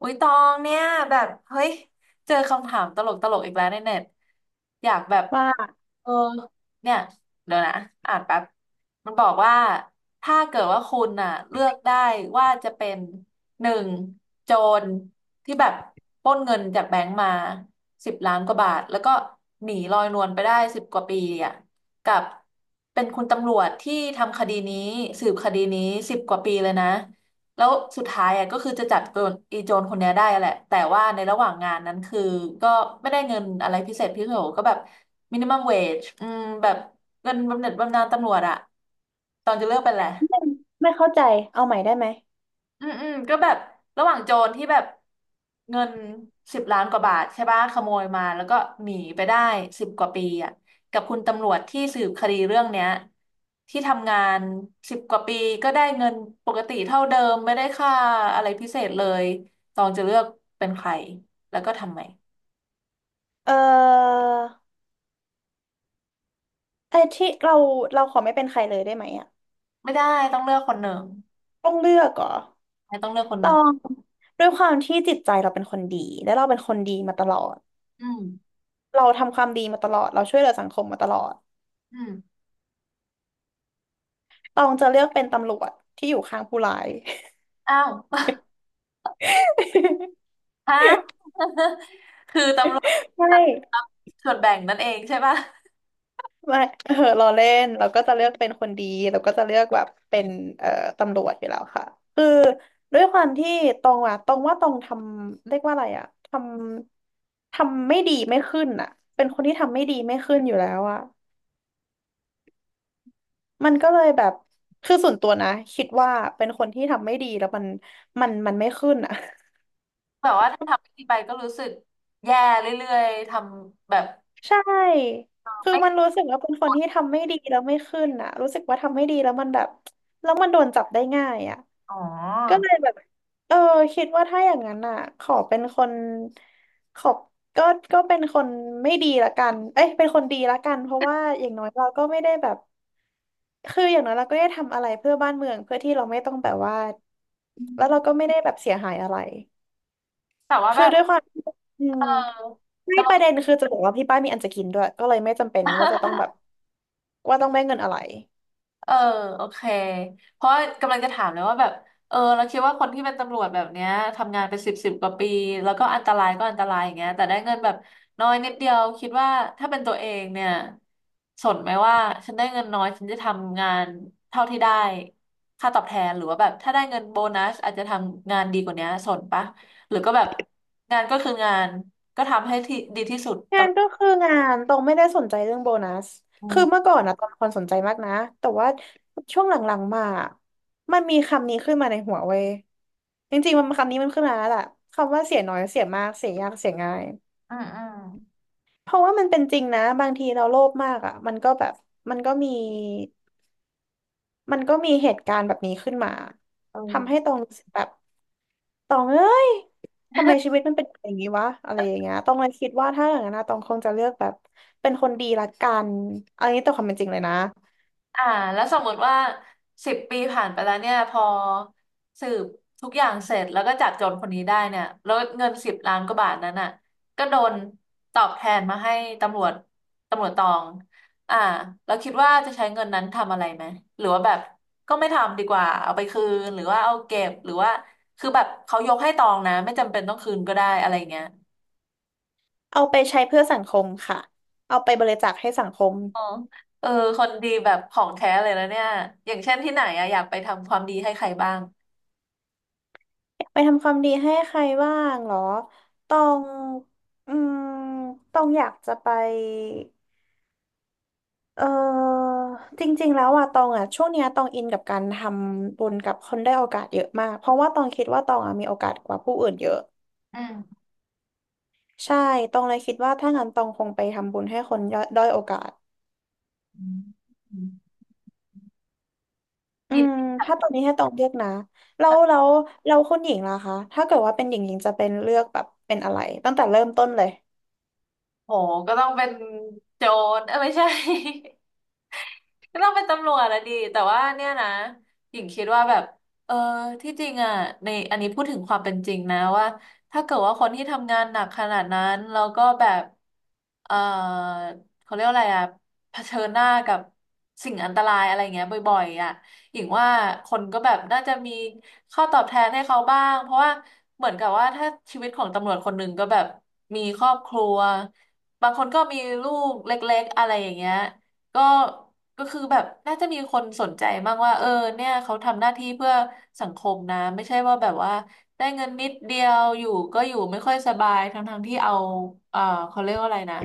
อุ้ยตองเนี่ยแบบเฮ้ยเจอคำถามตลกตลกอีกแล้วในเน็ตอยากแบบว่าเออเนี่ยเดี๋ยวนะอ่านแป๊บมันบอกว่า ถ้าเกิดว่าคุณน่ะเลือกได้ว่าจะเป็นหนึ่งโจรที่แบบปล้นเงินจากแบงก์มาสิบล้านกว่าบาท แล้วก็หนีลอยนวลไปได้สิบกว่าปีอ่ะกับเป็นคุณตำรวจที่ทำคดีนี้สืบคดีนี้สิบกว่าปีเลยนะ แล้วสุดท้ายอ่ะก็คือจะจับโจรอีโจรคนเนี้ยได้แหละแต่ว่าในระหว่างงานนั้นคือก็ไม่ได้เงินอะไรพิเศษพิเศษก็แบบมินิมัมเวจแบบเงินบำเหน็จบำนาญตำรวจอะตอนจะเลิกไปแหละ ไม่ไม่เข้าใจเอาใหม่ได้ไหมอืมอืมก็แบบระหว่างโจรที่แบบเงินสิบล้านกว่าบาทใช่ปะขโมยมาแล้วก็หนีไปได้สิบกว่าปีอ่ะกับคุณตำรวจที่สืบคดีเรื่องเนี้ยที่ทำงานสิบกว่าปีก็ได้เงินปกติเท่าเดิมไม่ได้ค่าอะไรพิเศษเลยตองจะเลือกเป็นใครแล้วก็ทำไมเออไอ้ที่เราขอไม่เป็นใครเลยได้ไหมอ่ะไม่ได้ต้องเลือกคนหนึ่งต้องเลือกเหรอไม่ต้องเลือกคนหต้อนึ่งงด้วยความที่จิตใจเราเป็นคนดีและเราเป็นคนดีมาตลอดอืมเราทำความดีมาตลอดเราช่วยเหลือสังคมมาตลอดอืมต้องจะเลือกเป็นตำรวจที่อยู่ข้างผู้ร้าย อ้าว ฮะ คือตำรวจไม่ส่วนแบ่งนั่นเองใช่ปะ ไม่เออเราเล่นเราก็จะเลือกเป็นคนดีเราก็จะเลือกแบบเป็นเอ่อตำรวจอยู่แล้วค่ะ ด้วยความที่ตองอะตองว่าตองทำเรียกว่าอะไรอะทำไม่ดีไม่ขึ้นอะเป็นคนที่ทำไม่ดีไม่ขึ้นอยู่แล้วอะมันก็เลยแบบคือส่วนตัวนะคิดว่าเป็นคนที่ทำไม่ดีแล้วมันไม่ขึ้นอะ แบบว่าถ้าทำไม่ดีไปก็รู้สึกแย่เรื่อยๆทำแบบ ใช่คือไม่มันรู้สึกว่าเป็นคนที่ทำไม่ดีแล้วไม่ขึ้นอะรู้สึกว่าทำไม่ดีแล้วมันแบบแล้วมันโดนจับได้ง่ายอะ อ๋อก็เลยแบบเออคิดว่าถ้าอย่างนั้นอ่ะขอเป็นคนขอบก็ก็เป็นคนไม่ดีละกันเอ้ยเป็นคนดีละกันเพราะว่าอย่างน้อยเราก็ไม่ได้แบบคืออย่างน้อยเราก็ได้ทำอะไรเพื่อบ้านเมืองเพื่อที่เราไม่ต้องแบบว่าแล้วเราก็ไม่ได้แบบเสียหายอะไรแต่ว่าแบคือบด้วยความที่อืเอมอไม่กำลัปง ระเด็นคือจะบอกว่าที่บ้านมีอันจะกินด้วยก็เลยไม่จำเป็นว่าจะต้อง แบบว่าต้องได้เงินอะไร เออโอเคเพราะกำลังจะถามเลยว่าแบบเออเราคิดว่าคนที่เป็นตำรวจแบบเนี้ยทำงานเป็นสิบกว่าปีแล้วก็อันตรายก็อันตรายอย่างเงี้ยแต่ได้เงินแบบน้อยนิดเดียวคิดว่าถ้าเป็นตัวเองเนี่ยสนไหมว่าฉันได้เงินน้อยฉันจะทำงานเท่าที่ได้ค่าตอบแทนหรือว่าแบบถ้าได้เงินโบนัสอาจจะทำงานดีกว่าเนี้ยสนปะหรือก็แบบงานก็คืองานก็ทำให้ที่ดีที่สุดตงาลนอดก็คืองานตรงไม่ได้สนใจเรื่องโบนัสอืคือมเมื่อก่อนนะตอนคนสนใจมากนะแต่ว่าช่วงหลังๆมามันมีคำนี้ขึ้นมาในหัวเว้ยจริงๆมันคำนี้มันขึ้นมาแล้วแหละคำว่าเสียน้อยเสียมากเสียยากเสียง่ายอืมอืมเพราะว่ามันเป็นจริงนะบางทีเราโลภมากอ่ะมันก็แบบมันก็มีมันก็มีเหตุการณ์แบบนี้ขึ้นมาเทำให้ออ ตรงรู้สึกแบบ ตองเอ้ยทำไมชีวิตมันเป็นอย่างนี้วะอะไรอย่างเงี้ยตองเลยคิดว่าถ้าอย่างนั้นนะตองคงจะเลือกแบบเป็นคนดีละกันเอันนี้ตต่ความเป็นจริงเลยนะอ่าแล้วสมมติว่า10 ปีผ่านไปแล้วเนี่ยพอสืบทุกอย่างเสร็จแล้วก็จับโจรคนนี้ได้เนี่ยแล้วเงินสิบล้านกว่าบาทนั้นอ่ะก็โดนตอบแทนมาให้ตำรวจตำรวจตองอ่าเราคิดว่าจะใช้เงินนั้นทำอะไรไหมหรือว่าแบบก็ไม่ทำดีกว่าเอาไปคืนหรือว่าเอาเก็บหรือว่าคือแบบเขายกให้ตองนะไม่จำเป็นต้องคืนก็ได้อะไรเงี้ยเอาไปใช้เพื่อสังคมค่ะเอาไปบริจาคให้สังคมอ๋อเออคนดีแบบของแท้เลยแล้วเนี่ยอย่างเช่นที่ไหนอะอยากไปทำความดีให้ใครบ้างไปทำความดีให้ใครบ้างเหรอตองอืมตองอยากจะไปเออจริงๆแล้วอะตองอะช่วงเนี้ยตองอินกับการทำบุญกับคนได้อยโอกาสเยอะมากเพราะว่าตองคิดว่าตองอะมีโอกาสกว่าผู้อื่นเยอะ อืม ใช่ตองเลยคิดว่าถ้างั้นตองคงไปทำบุญให้คนยด้อยโอกาสอืมอืมเน ถ้าตอนนี้ให้ตองเลือกนะแล้วแคุณหญิงล่ะคะ ถ้าเกิดว่าเป็นหญิงหญิงจะเป็นเลือกแบบเป็นอะไรตั้งแต่เริ่มต้นเลยโหก็ต้องเป็นโจรเออไม่ใช่ ก็ต้องเป็นตำรวจละดีแต่ว่าเนี่ยนะหญิงคิดว่าแบบเออที่จริงอ่ะในอันนี้พูดถึงความเป็นจริงนะว่าถ้าเกิดว่าคนที่ทำงานหนักขนาดนั้นแล้วก็แบบเออเขาเรียกว่าอะไรอ่ะเผชิญหน้ากับสิ่งอันตรายอะไรเงี้ยบ่อยๆอ่ะหญิงว่าคนก็แบบน่าจะมีข้อตอบแทนให้เขาบ้างเพราะว่าเหมือนกับว่าถ้าชีวิตของตำรวจคนหนึ่งก็แบบมีครอบครัว บางคนก็มีลูกเล็กๆอะไรอย่างเงี้ยก็ก็คือแบบน่าจะมีคนสนใจมากว่าเออเนี่ยเขาทำหน้าที่เพื่อสังคมนะไม่ใช่ว่าแบบว่าได้เงินนิดเดียวอยู่ก็อยู่ไม่ค่อยสบายทั้งๆที่เอาเออเขาเรียกว่าอะไรนะ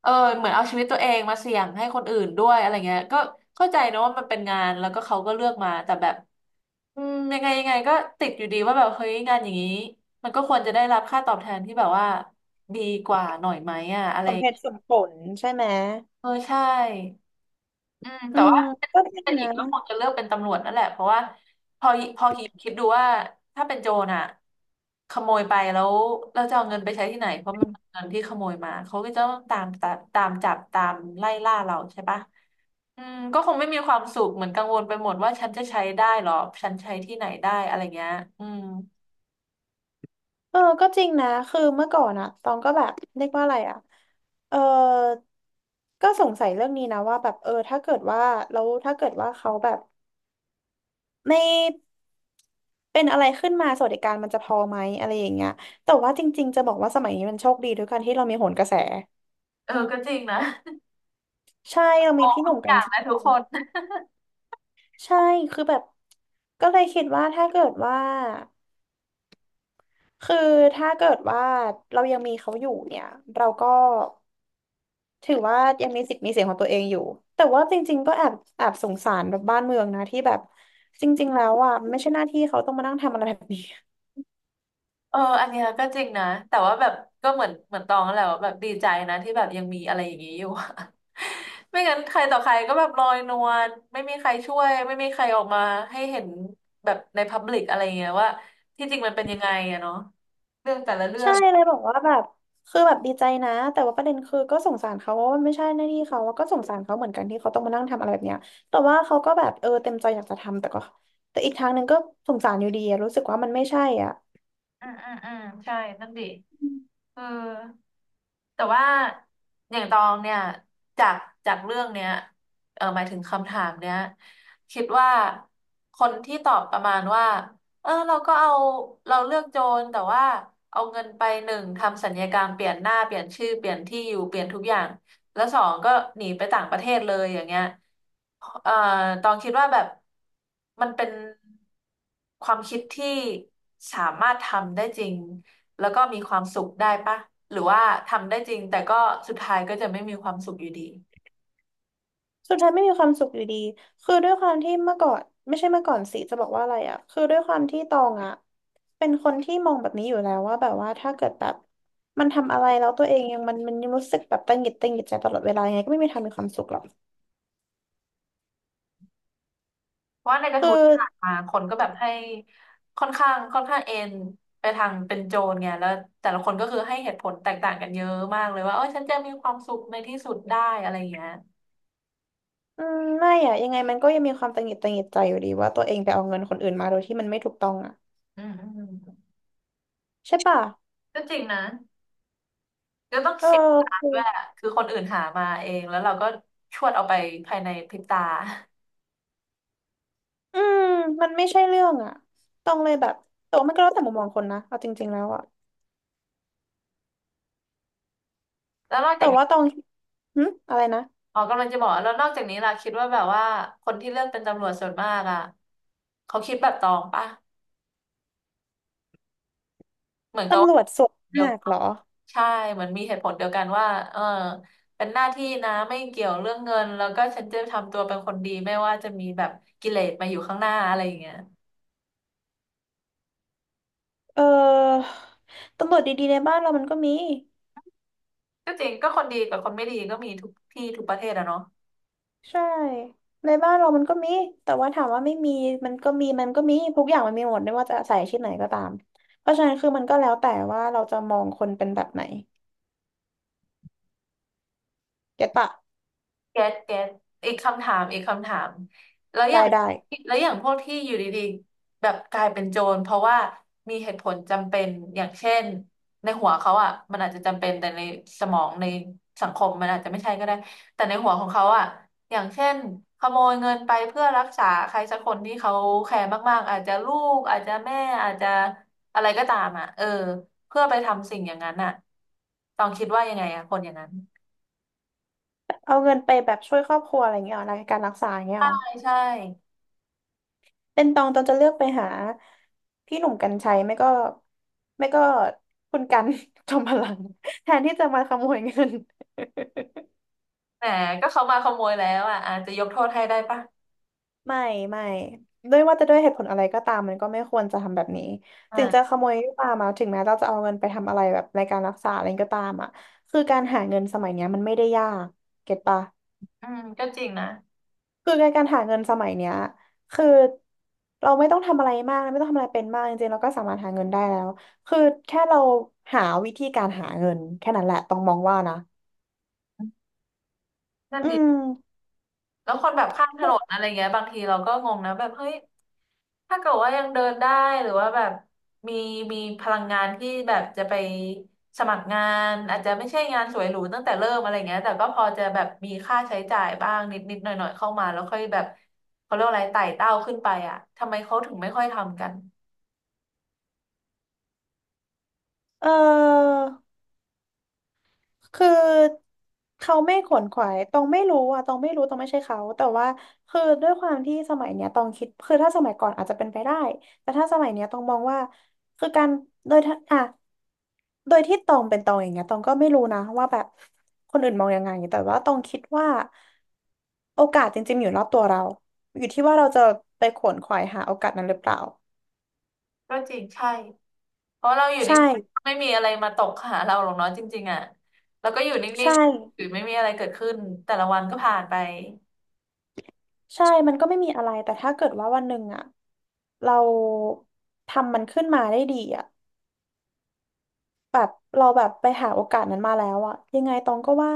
เออเหมือนเอาชีวิตตัวเองมาเสี่ยงให้คนอื่นด้วยอะไรเงี้ยก็เข้าใจนะว่ามันเป็นงานแล้วก็เขาก็เลือกมาแต่แบบอืมยังไงยังไงก็ติดอยู่ดีว่าแบบเฮ้ยงานอย่างนี้มันก็ควรจะได้รับค่าตอบแทนที่แบบว่าดีกว่าหน่อยไหมอ่ะอะไร สมเหตุสมผลใช่ไหมเออใช่อืมอืแต่มว่าก็จถ้าริงเป็นอีนะกก็คงจะเลือกเป็นตำรวจนั่นแหละเพราะว่าพอพอคิดดูว่าถ้าเป็นโจรอ่ะขโมยไปแล้วเราจะเอาเงินไปใช้ที่ไหนเพราะมันเป็นเงินที่ขโมยมาเขาก็จะต้องตามตามตามจับตามไล่ล่าเราใช่ปะอืมก็คงไม่มีความสุขเหมือนกังวลไปหมดว่าฉันจะใช้ได้หรอฉันใช้ที่ไหนได้อะไรเงี้ยอืมเออก็จริงนะคือเมื่อก่อนอะตองก็แบบเรียกว่าอะไรอะเออก็สงสัยเรื่องนี้นะว่าแบบเออถ้าเกิดว่าแล้วถ้าเกิดว่าเขาแบบ ไม่เป็นอะไรขึ้นมาสวัสดิการมันจะพอไหมอะไรอย่างเงี้ยแต่ว่าจริงๆจะบอกว่าสมัยนี้มันโชคดีด้วยกันที่เรามีโหนกระแสเออก็จริงนะ ใช่เรา มมีองพี่หทุนุ่กมกอรรย่างชัยนะทุกคน ใช่คือแบบก็เลยคิดว่าถ้าเกิดว่าคือถ้าเกิดว่าเรายังมีเขาอยู่เนี่ยเราก็ถือว่ายังมีสิทธิ์มีเสียงของตัวเองอยู่แต่ว่าจริงๆก็แอบสงสารแบบบ้านเมืองนะที่แบบจริงๆแล้วอ่ะไม่ใช่หน้าที่เขาต้องมานั่งทำอะไรแบบนี้ เอออันเนี้ยก็จริงนะแต่ว่าแบบก็เหมือนเหมือนตองนั่นแหละว่าแบบดีใจนะที่แบบยังมีอะไรอย่างนี้อยู่ ไม่งั้นใครต่อใครก็แบบลอยนวลไม่มีใครช่วยไม่มีใครออกมาให้เห็นแบบในพับลิกอะไรเงี้ยว่าที่จริงมันเป็นยังไงอะเนาะเรื่องแต่ละเรื่อใช่งเลยบอกว่าแบบคือแบบดีใจนะแต่ว่าประเด็นคือก็สงสารเขาว่ามันไม่ใช่หน้าที่เขาแล้วก็สงสารเขาเหมือนกันที่เขาต้องมานั่งทำอะไรแบบเนี้ยแต่ว่าเขาก็แบบเออเต็มใจอยากจะทำแต่ก็แต่อีกทางหนึ่งก็สงสารอยู่ดีอะรู้สึกว่ามันไม่ใช่อ่ะอืมอืมอืมใช่นั่นดิอืมเออ แต่ว่าอย่างตองเนี่ยจากจากเรื่องเนี้ยเออหมายถึงคำถามเนี้ยคิดว่าคนที่ตอบประมาณว่าเออเราก็เอาเราเลือกโจรแต่ว่าเอาเงินไปหนึ่งทำสัญญากรรมเปลี่ยนหน้าเปลี่ยนชื่อเปลี่ยนที่อยู่เปลี่ยนทุกอย่างแล้วสองก็หนีไปต่างประเทศเลยอย่างเงี้ยเอ่อตองคิดว่าแบบมันเป็นความคิดที่สามารถทำได้จริง แล้วก็มีความสุขได้ปะหรือว่าทำได้จริงแต่ก็สุดท้ายก็จะไม่มีความสุขอยู่ดีสุดท้ายไม่มีความสุขอยู่ดีคือด้วยความที่เมื่อก่อนไม่ใช่เมื่อก่อนสิจะบอกว่าอะไรอ่ะคือด้วยความที่ตองอ่ะเป็นคนที่มองแบบนี้อยู่แล้วว่าแบบว่าถ้าเกิดแบบมันทำอะไรแล้วตัวเองยังมันยังรู้สึกแบบตังหงิดใจตลอดเวลายังไงก็ไม่มีทางมีความสุขหรอกเพราะว่าในกระคือ ทู้ที่ผ่านมาคนก็แบบให้ค่อนข้างเอ็นไปทางเป็นโจรไงแล้วแต่ละคนก็คือให้เหตุผลแตกต่างกันเยอะมากเลยว่าเออฉันจะมีความสุขในที่สุดได้อะไรอย่างเงี้ยอืมไม่อะยังไงมันก็ยังมีความตังหงิดตังหงิดใจอยู่ดีว่าตัวเองไปเอาเงินคนอื่นมาโดยที่มันไม่ถูกต้องอะอืมอืมอใช่ปะก็จริงนะก็ต้องเออเสียดายคือด้วยอะคือคนอื่นหามาเองแล้วเราก็ชวดเอาไปภายในพริบตาอืมมันไม่ใช่เรื่องอะตองเลยแบบแต่ว่ามันก็แล้วแต่มุมมองคนนะเอาจริงๆแล้วอะแล้วนอกแต่จาก ว่าตองหึอะไรนะอ๋อกำลังจะบอกแล้วนอกจากนี้ล่ะคิดว่าแบบว่าคนที่เลือกเป็นตำรวจส่วนมากอ่ะเขาคิดแบบตองปะเหมือนกับตำรว่าวจส่วนเดียวมากกัเหรนอใช่เหมือนมีเหตุผลเดียวกันว่าเออเป็นหน้าที่นะไม่เกี่ยวเรื่องเงินแล้วก็ฉันจะทำตัวเป็นคนดีไม่ว่าจะมีแบบกิเลสมาอยู่ข้างหน้าอะไรอย่างเงี้ยเออตำรวจดีๆในบ้านเรามันก็มี ก็จริงก็คนดีกับคนไม่ดีก็มีทุกที่ทุกประเทศอะเนาะ ใช่ในบ้านเรามันก็มีแต่ว่าถามว่าไม่มีมันก็มีทุกอย่างมันมีหมดไม่ว่าจะใส่อาชีพไหนก็ตามเพราะฉะนั้นคือมันก็แล้วแต่ว่าเราจะมองคนเป็นแบบไหนเก็ตปะแก๊สแก๊สอีกคำถามแล้วอได้ย่างได้แล้วอย่างพวกที่อยู่ดีๆแบบกลายเป็นโจรเพราะว่ามีเหตุผลจำเป็นอย่างเช่นในหัวเขาอ่ะมันอาจจะจำเป็นแต่ในสมองในสังคมมันอาจจะไม่ใช่ก็ได้แต่ในหัวของเขาอ่ะอย่างเช่นขโมยเงินไปเพื่อรักษาใครสักคนที่เขาแคร์มากๆอาจจะลูกอาจจะแม่อาจจะอะไรก็ตามอ่ะเออเพื่อไปทำสิ่งอย่างนั้นอ่ะต้องคิดว่ายังไงอ่ะคนอย่างนั้นเอาเงินไปแบบช่วยครอบครัวอะไรอย่างเงี้ยเหรอรายการรักษาอย่างเงี้ยใช่เหรอใช่ เป็นตองจะเลือกไปหาพี่หนุ่มกรรชัยไม่ก็ไม่ก็คุณกัน จอมพลังแทนที่จะมาขโมยเงิน แหมก็เขามาขโมยแล้วอ่ะอาจจะยกโทษให้ได้ปะไม่ไม่ด้วยว่าจะด้วยเหตุผลอะไรก็ตามมันก็ไม่ควรจะทำแบบนี้ถึงจะอ่าขโมยก็ตามมาถึงแม้เราจะเอาเงินไปทำอะไรแบบในการรักษาอะไรก็ตามอ่ะคือการหาเงินสมัยเนี้ยมันไม่ได้ยากเก็ตปะอืมก็จริงนะคือในการหาเงินสมัยเนี้ยคือเราไม่ต้องทำอะไรมากไม่ต้องทำอะไรเป็นมากจริงๆเราก็สามารถหาเงินได้แล้วคือแค่เราหาวิธีการหาเงินแค่นั้นแหละต้องมองว่านะนั่นอืดิมแล้วคนแบบข้ามถนนอะไรเงี้ยบางทีเราก็งงนะแบบเฮ้ยถ้าเกิดว่ายังเดินได้หรือว่าแบบมีมีพลังงานที่แบบจะไปสมัครงานอาจจะไม่ใช่งานสวยหรูตั้งแต่เริ่มอะไรเงี้ยแต่ก็พอจะแบบมีค่าใช้จ่ายบ้างนิดนิดหน่อยหน่อยๆเข้ามาแล้วค่อยแบบเขาเรียกว่าอะไรไต่เต้าขึ้นไปอ่ะทำไมเขาถึงไม่ค่อยทำกันเออ คือเขาไม่ขวนขวายตองไม่รู้ตองไม่ใช่เขาแต่ว่าคือด้วยความที่สมัยเนี้ยตองคิด คือถ้าสมัยก่อนอาจจะเป็นไปได้ แต่ถ้าสมัยเนี้ยตองมองว่าคือการโดยถ้าอ่ะโดยที่ตองเป็นตองอย่างเงี้ย ตองก็ไม่รู้นะว่าแบบคนอื่นมองยังไงแต่ว่าตองคิดว่าโอกาสจริงๆอยู่รอบตัวเรา อยู่ที่ว่าเราจะไปขวนขวายหาโอกาสนั้นหรือเปล่าก็จริงใช่ เพราะเราอยู่ใช่นิ่งไม่มีอะไรมาตกหาเราหรอกเนาะจริงๆอ่ะแล้วก็อยู่นิ่ใช่งๆหรือไม่มีอะไรเกิดขึ้นแต่ละวันก็ผ่านไป ใช่มันก็ไม่มีอะไรแต่ถ้าเกิดว่าวันหนึ่งอ่ะ เราทำมันขึ้นมาได้ดีอ่ะแบบเราแบบไปหาโอกาสนั้นมาแล้วอ่ะยังไงตองก็ว่า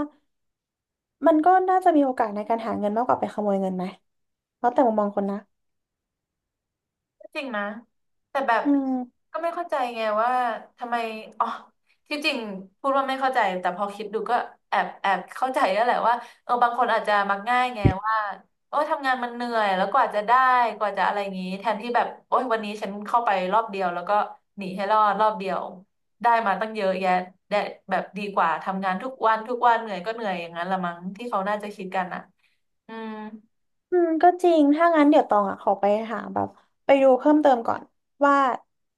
มันก็น่าจะมีโอกาสในการหาเงินมากกว่าไปขโมยเงินไหมแล้วแต่มุมมองคนนะจริงนะแต่แบบอืมก็ไม่เข้าใจไงว่าทำไมอ๋อที่จริงพูดว่าไม่เข้าใจแต่พอคิดดูก็แอบเข้าใจแล้วแหละว่าเออบางคนอาจจะมักง่ายไงว่าโอ้ยทำงานมันเหนื่อยแล้วกว่าจะได้กว่าจะอะไรอย่างงี้แทนที่แบบโอ้ยวันนี้ฉันเข้าไปรอบเดียวแล้วก็หนีให้รอดรอบเดียวได้มาตั้งเยอะแยะได้แบบดีกว่าทำงานทุกวันทุกวันเหนื่อยก็เหนื่อยอย่างนั้นละมั้งที่เขาน่าจะคิดกันอ่ะอืมอืมก็จริงถ้างั้นเดี๋ยวตองอ่ะขอไปหาแบบไปดูเพิ่มเติมก่อนว่า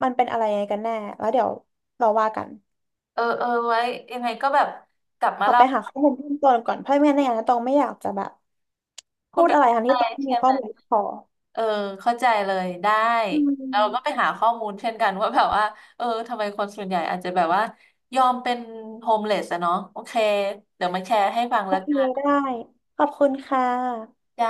มันเป็นอะไรยังไงกันแน่แล้วเดี๋ยวเราว่ากันเออเออไว้ยังไงก็แบบกลับมาขอเล่า ไปหาข้อมูลเพิ่มเติมก่อนเพราะไม่งั้นในอนาคตตองไม่อยากจะแบบพูพูดดไปอะไรทั้งได้ที่ตองไม่ใช่มีข้ไหอมมูลพอเออเข้าใจเลยได้อืเราก็ไปมหาข้อมูลเช่นกันว่าแบบว่าเออทำไมคนส่วนใหญ่อาจจะแบบว่ายอมเป็นโฮมเลสอะเนาะโอเคเดี๋ยวมาแชร์ให้ฟังโอแล้วเคกันได้ขอบคุณค่ะจ้า